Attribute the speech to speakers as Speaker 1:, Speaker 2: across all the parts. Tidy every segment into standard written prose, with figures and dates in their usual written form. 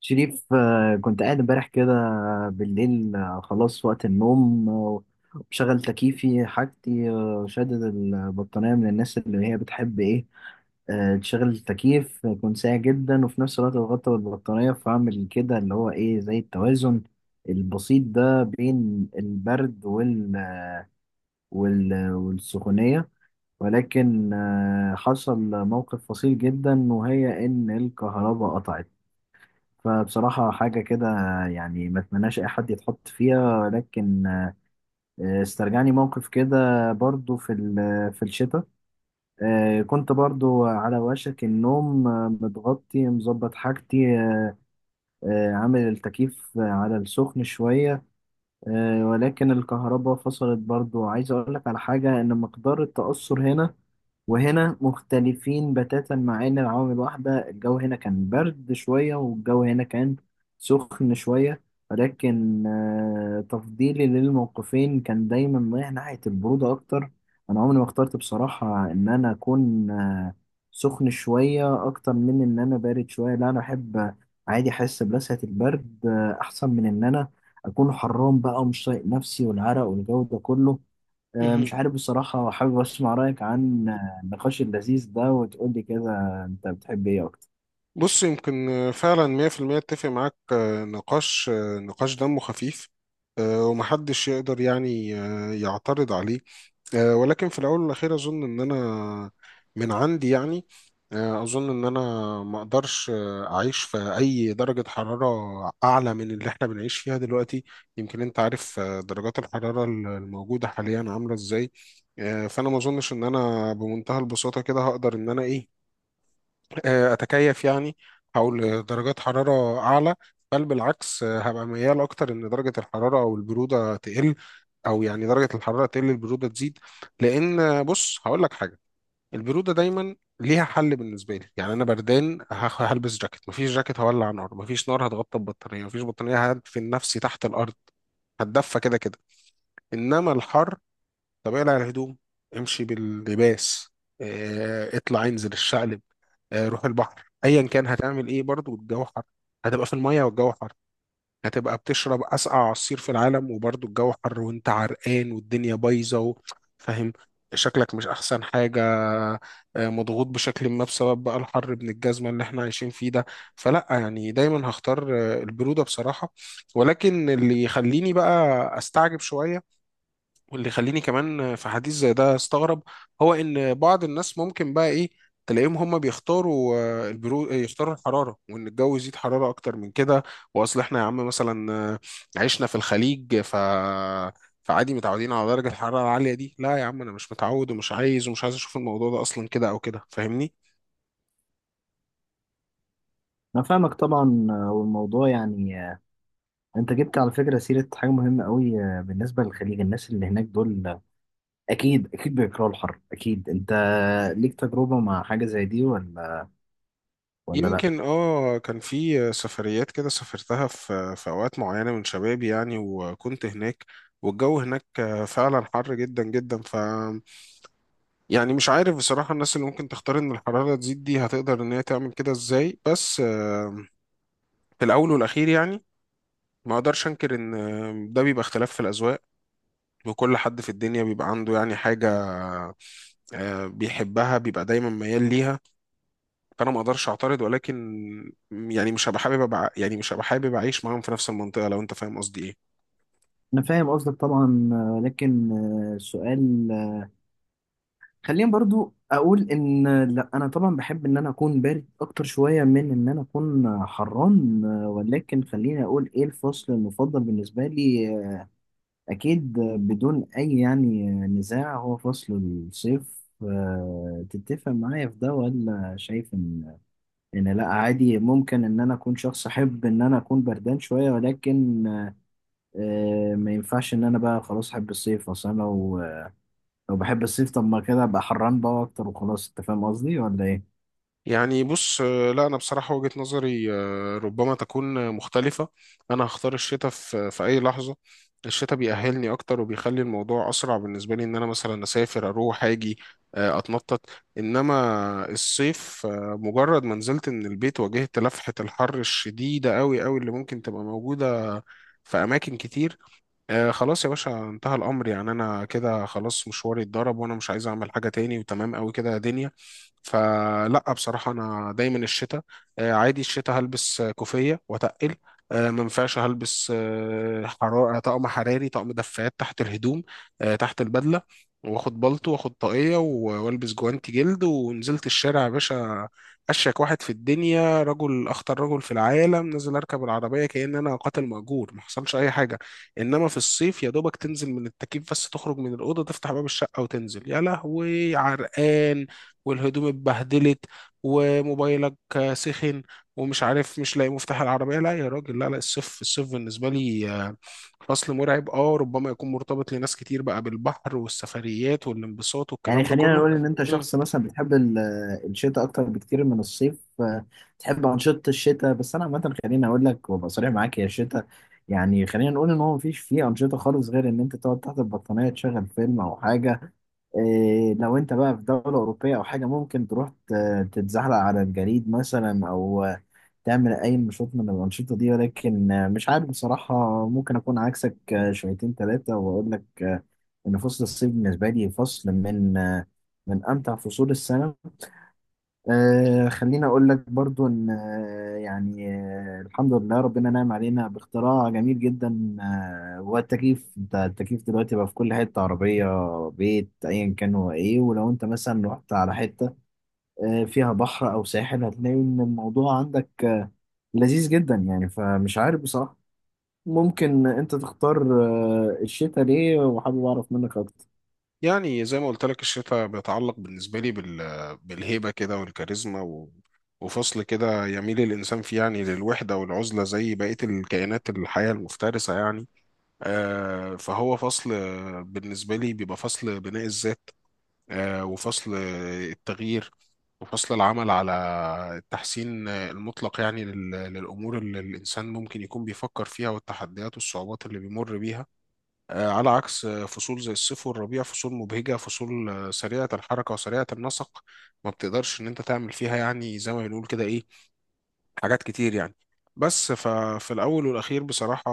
Speaker 1: شريف، كنت قاعد امبارح كده بالليل. خلاص وقت النوم، وبشغل تكييفي حاجتي، شادد البطانية من الناس اللي هي بتحب ايه، تشغل التكييف يكون ساقع جدا وفي نفس الوقت بغطى بالبطانية، فأعمل كده اللي هو ايه زي التوازن البسيط ده بين البرد والسخونية. ولكن حصل موقف فصيل جدا، وهي إن الكهرباء قطعت. فبصراحة حاجة كده يعني ما اتمناش أي حد يتحط فيها، لكن استرجعني موقف كده برضو في الشتاء. كنت برضو على وشك النوم، متغطي مظبط حاجتي، عامل التكييف على السخن شوية، ولكن الكهرباء فصلت برضو. عايز أقول لك على حاجة، إن مقدار التأثر هنا وهنا مختلفين بتاتا، مع إن العوامل واحدة. الجو هنا كان برد شوية والجو هنا كان سخن شوية، ولكن تفضيلي للموقفين كان دايما رايح ناحية البرودة أكتر. أنا عمري ما اخترت بصراحة إن أنا أكون سخن شوية أكتر من إن أنا بارد شوية. لا، أنا أحب عادي أحس بلسعة البرد، أحسن من إن أنا اكون حرام بقى ومش طايق نفسي والعرق والجو ده كله. مش
Speaker 2: مهم.
Speaker 1: عارف بصراحة، حابب اسمع رأيك عن النقاش اللذيذ ده، وتقول لي كده انت بتحب ايه اكتر.
Speaker 2: بص يمكن فعلا 100% اتفق معاك، نقاش دمه خفيف. ومحدش يقدر يعني يعترض عليه. ولكن في الأول والأخير أظن إن أنا من عندي، يعني أظن إن أنا ما أقدرش أعيش في أي درجة حرارة أعلى من اللي إحنا بنعيش فيها دلوقتي. يمكن أنت عارف، درجات الحرارة الموجودة حاليا عاملة إزاي. فأنا ما أظنش إن أنا بمنتهى البساطة كده هقدر إن أنا إيه، اتكيف يعني. هقول درجات حراره اعلى؟ بل بالعكس، هبقى ميال اكتر ان درجه الحراره او البروده تقل، او يعني درجه الحراره تقل البروده تزيد. لان بص هقول لك حاجه. البروده دايما ليها حل بالنسبه لي. يعني انا بردان هلبس جاكيت، مفيش جاكيت هولع نار، مفيش نار هتغطى البطاريه، مفيش بطاريه هدفن نفسي تحت الارض. هتدفى كده كده. انما الحر، طب اقلع الهدوم، امشي باللباس، اطلع انزل الشقل، روح البحر، ايا كان هتعمل ايه برضو الجو حر. هتبقى في المية والجو حر، هتبقى بتشرب اسقع عصير في العالم وبرضو الجو حر، وانت عرقان والدنيا بايظة فاهم؟ شكلك مش احسن حاجة، مضغوط بشكل ما بسبب بقى الحر ابن الجزمة اللي احنا عايشين فيه ده. فلا، يعني دايما هختار البرودة بصراحة. ولكن اللي يخليني بقى استعجب شوية، واللي يخليني كمان في حديث زي ده استغرب، هو ان بعض الناس ممكن بقى ايه، تلاقيهم هم بيختاروا آه، البرو آه، يختاروا الحراره وان الجو يزيد حراره اكتر من كده. واصل احنا يا عم مثلا عشنا في الخليج، ف فعادي متعودين على درجه الحراره العاليه دي. لا يا عم، انا مش متعود ومش عايز اشوف الموضوع ده اصلا كده او كده، فاهمني؟
Speaker 1: انا فاهمك طبعا، والموضوع يعني انت جبت على فكرة سيرة حاجة مهمة قوي، بالنسبة للخليج. الناس اللي هناك دول، اكيد اكيد بيكرهوا الحر. اكيد انت ليك تجربة مع حاجة زي دي ولا ولا لا؟
Speaker 2: يمكن كان في سفريات كده سافرتها في اوقات معينه من شبابي يعني، وكنت هناك والجو هناك فعلا حر جدا جدا. يعني مش عارف بصراحة، الناس اللي ممكن تختار إن الحرارة تزيد دي هتقدر إن هي تعمل كده إزاي؟ بس في الأول والأخير يعني ما أقدرش أنكر إن ده بيبقى اختلاف في الأذواق، وكل حد في الدنيا بيبقى عنده يعني حاجة بيحبها، بيبقى دايما ميال ليها. فأنا ما أقدرش أعترض، ولكن يعني مش هبقى حابب أبقى يعني مش هبقى حابب أعيش معاهم في نفس المنطقة، لو أنت فاهم قصدي إيه.
Speaker 1: انا فاهم قصدك طبعا، لكن السؤال، خليني برضو اقول ان لا، انا طبعا بحب ان انا اكون بارد اكتر شويه من ان انا اكون حران، ولكن خليني اقول ايه الفصل المفضل بالنسبه لي. اكيد بدون اي يعني نزاع هو فصل الصيف. تتفق معايا في ده ولا شايف ان ان لا عادي، ممكن ان انا اكون شخص احب ان انا اكون بردان شويه، ولكن ما ينفعش ان انا بقى خلاص احب الصيف اصلا. لو بحب الصيف طب ما كده ابقى حران بقى اكتر وخلاص، انت فاهم قصدي ولا ايه؟
Speaker 2: يعني بص، لا انا بصراحه وجهه نظري ربما تكون مختلفه. انا هختار الشتاء في اي لحظه. الشتاء بيأهلني اكتر وبيخلي الموضوع اسرع بالنسبه لي، ان انا مثلا اسافر، اروح اجي، اتنطط. انما الصيف، مجرد ما نزلت من البيت واجهت لفحه الحر الشديده قوي قوي اللي ممكن تبقى موجوده في اماكن كتير. خلاص يا باشا انتهى الأمر، يعني أنا كده خلاص مشواري اتضرب، وأنا مش عايز أعمل حاجة تاني، وتمام أوي كده يا دنيا. فلا، بصراحة أنا دايما الشتاء. عادي الشتاء هلبس كوفية وأتقل، ما ينفعش هلبس حرارة، طقم حراري، طقم دفايات تحت الهدوم، تحت البدلة، واخد بلطو، واخد طاقية والبس جوانتي جلد، ونزلت الشارع يا باشا، أشيك واحد في الدنيا، رجل أخطر رجل في العالم، نزل أركب العربية كأن أنا قاتل مأجور ما حصلش أي حاجة. انما في الصيف، يا دوبك تنزل من التكييف، بس تخرج من الاوضه تفتح باب الشقه وتنزل يا لهوي عرقان، والهدوم اتبهدلت، وموبايلك سخن، ومش عارف مش لاقي مفتاح العربيه. لا يا راجل، لا لا، الصيف بالنسبه لي فصل مرعب. اه ربما يكون مرتبط لناس كتير بقى بالبحر والسفريات والانبساط
Speaker 1: يعني
Speaker 2: والكلام ده
Speaker 1: خلينا
Speaker 2: كله.
Speaker 1: نقول ان انت شخص مثلا بتحب الشتاء اكتر بكتير من الصيف. تحب انشطة الشتاء، بس انا عامة خليني اقول لك وابقى صريح معاك، يا الشتاء يعني خلينا نقول ان هو مفيش فيه انشطة خالص غير ان انت تقعد تحت البطانية تشغل فيلم او حاجة. إيه لو انت بقى في دولة أوروبية أو حاجة، ممكن تروح تتزحلق على الجليد مثلا، أو تعمل أي نشاط من الأنشطة دي. ولكن مش عارف بصراحة، ممكن أكون عكسك شويتين ثلاثة، وأقول لك إن فصل الصيف بالنسبة لي فصل من من أمتع فصول السنة. خليني أقول لك برضو إن الحمد لله ربنا نعم علينا باختراع جميل جدا، هو التكييف. أنت التكييف دلوقتي بقى في كل حتة، عربية، بيت، أيا كان هو إيه. ولو أنت مثلا رحت على حتة فيها بحر أو ساحل، هتلاقي إن الموضوع عندك لذيذ جدا يعني. فمش عارف بصراحة، ممكن انت تختار الشتاء ليه، وحابب اعرف منك اكتر.
Speaker 2: يعني زي ما قلت لك، الشتاء بيتعلق بالنسبة لي بالهيبة كده والكاريزما وفصل كده يميل الإنسان فيه يعني للوحدة والعزلة، زي بقية الكائنات الحية المفترسة يعني. فهو فصل بالنسبة لي بيبقى فصل بناء الذات، وفصل التغيير، وفصل العمل على التحسين المطلق، يعني للأمور اللي الإنسان ممكن يكون بيفكر فيها والتحديات والصعوبات اللي بيمر بيها. على عكس فصول زي الصيف والربيع، فصول مبهجة، فصول سريعة الحركة وسريعة النسق. ما بتقدرش ان انت تعمل فيها يعني زي ما بنقول كده ايه، حاجات كتير يعني. بس ففي الاول والاخير بصراحة،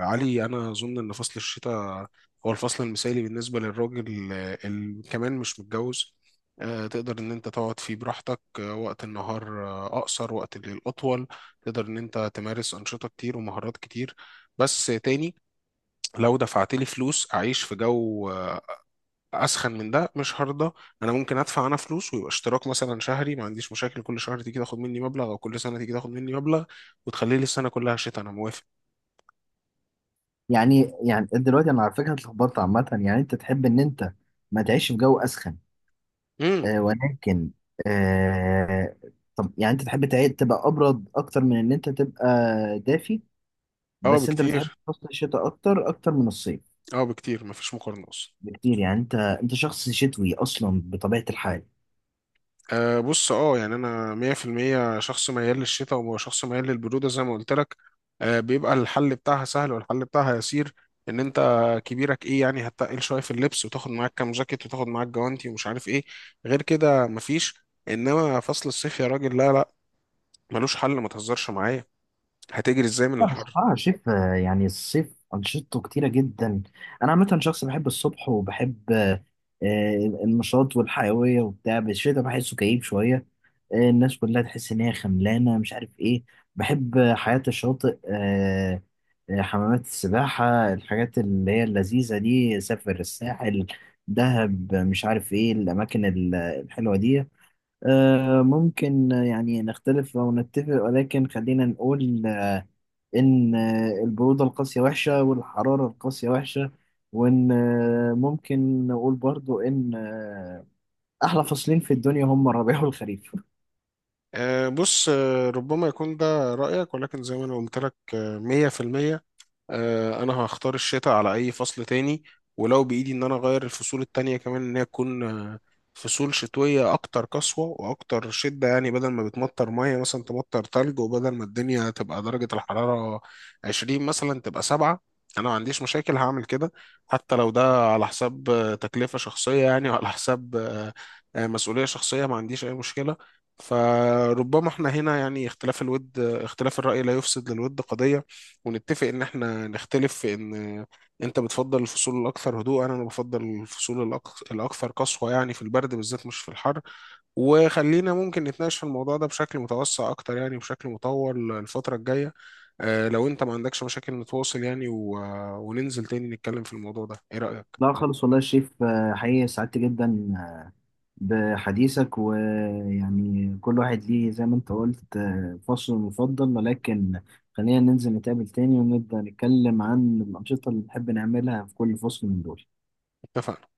Speaker 2: يا علي، انا اظن ان فصل الشتاء هو الفصل المثالي بالنسبة للراجل اللي كمان مش متجوز. تقدر ان انت تقعد فيه براحتك، وقت النهار اقصر، وقت الليل اطول، تقدر ان انت تمارس انشطة كتير ومهارات كتير. بس تاني، لو دفعت لي فلوس اعيش في جو اسخن من ده، مش هرضى. انا ممكن ادفع انا فلوس، ويبقى اشتراك مثلا شهري، ما عنديش مشاكل، كل شهر تيجي تاخد مني مبلغ، او كل سنه تيجي تاخد مني مبلغ، وتخلي لي السنه كلها شتاء، انا موافق.
Speaker 1: يعني يعني دلوقتي انا على فكرة اتلخبطت عامة، يعني انت تحب ان انت ما تعيش في جو اسخن،
Speaker 2: امم.
Speaker 1: آه، ولكن آه، طب يعني انت تحب تبقى ابرد اكتر من ان انت تبقى دافي،
Speaker 2: اه
Speaker 1: بس انت بتحب
Speaker 2: بكتير،
Speaker 1: فصل الشتاء اكتر اكتر من الصيف،
Speaker 2: اه بكتير، مفيش مقارنه اصلا.
Speaker 1: بكتير. يعني انت انت شخص شتوي اصلا بطبيعة الحال.
Speaker 2: أه بص، يعني انا 100% شخص ميال للشتاء وشخص ميال للبرودة زي ما قلت لك. بيبقى الحل بتاعها سهل والحل بتاعها يسير، ان انت كبيرك ايه يعني هتقل شوية في اللبس، وتاخد معاك كام جاكيت، وتاخد معاك جوانتي ومش عارف ايه، غير كده مفيش. انما فصل الصيف يا راجل لا لا، ملوش حل، ما تهزرش معايا، هتجري ازاي من
Speaker 1: لا
Speaker 2: الحر؟
Speaker 1: بصراحة الصيف، يعني الصيف أنشطته كتيرة جدا. أنا عامة شخص بحب الصبح وبحب النشاط والحيوية وبتاع، بس الشتا بحسه كئيب شوية. الناس كلها تحس إن هي خملانة، مش عارف إيه. بحب حياة الشاطئ، حمامات السباحة، الحاجات اللي هي اللذيذة دي، سافر الساحل، دهب، مش عارف إيه الأماكن الحلوة دي. ممكن يعني نختلف أو نتفق، ولكن خلينا نقول إن البرودة القاسية وحشة، والحرارة القاسية وحشة، وإن ممكن نقول برضو إن أحلى فصلين في الدنيا هم الربيع والخريف.
Speaker 2: بص، ربما يكون ده رأيك، ولكن زي ما انا قلت لك 100%، انا هختار الشتاء على اي فصل تاني. ولو بايدي ان انا اغير الفصول التانية كمان ان هي تكون فصول شتوية اكتر قسوة واكتر شدة، يعني بدل ما بتمطر مية مثلا تمطر تلج، وبدل ما الدنيا تبقى درجة الحرارة 20 مثلا تبقى 7، انا ما عنديش مشاكل هعمل كده. حتى لو ده على حساب تكلفة شخصية يعني، وعلى حساب مسؤولية شخصية، ما عنديش اي مشكلة. فربما احنا هنا يعني اختلاف الود، اختلاف الرأي لا يفسد للود قضية، ونتفق ان احنا نختلف في ان انت بتفضل الفصول الاكثر هدوء، انا بفضل الفصول الاكثر قسوة يعني، في البرد بالذات مش في الحر. وخلينا ممكن نتناقش في الموضوع ده بشكل متوسع اكتر، يعني بشكل مطول الفترة الجاية. لو انت ما عندكش مشاكل نتواصل يعني وننزل تاني نتكلم في الموضوع ده، ايه رأيك؟
Speaker 1: لا خالص والله يا شريف، حقيقي سعدت جدا بحديثك، ويعني كل واحد ليه زي ما انت قلت فصل مفضل، ولكن خلينا ننزل نتقابل تاني ونبدأ نتكلم عن الأنشطة اللي بنحب نعملها في كل فصل من دول.
Speaker 2: اتفقنا.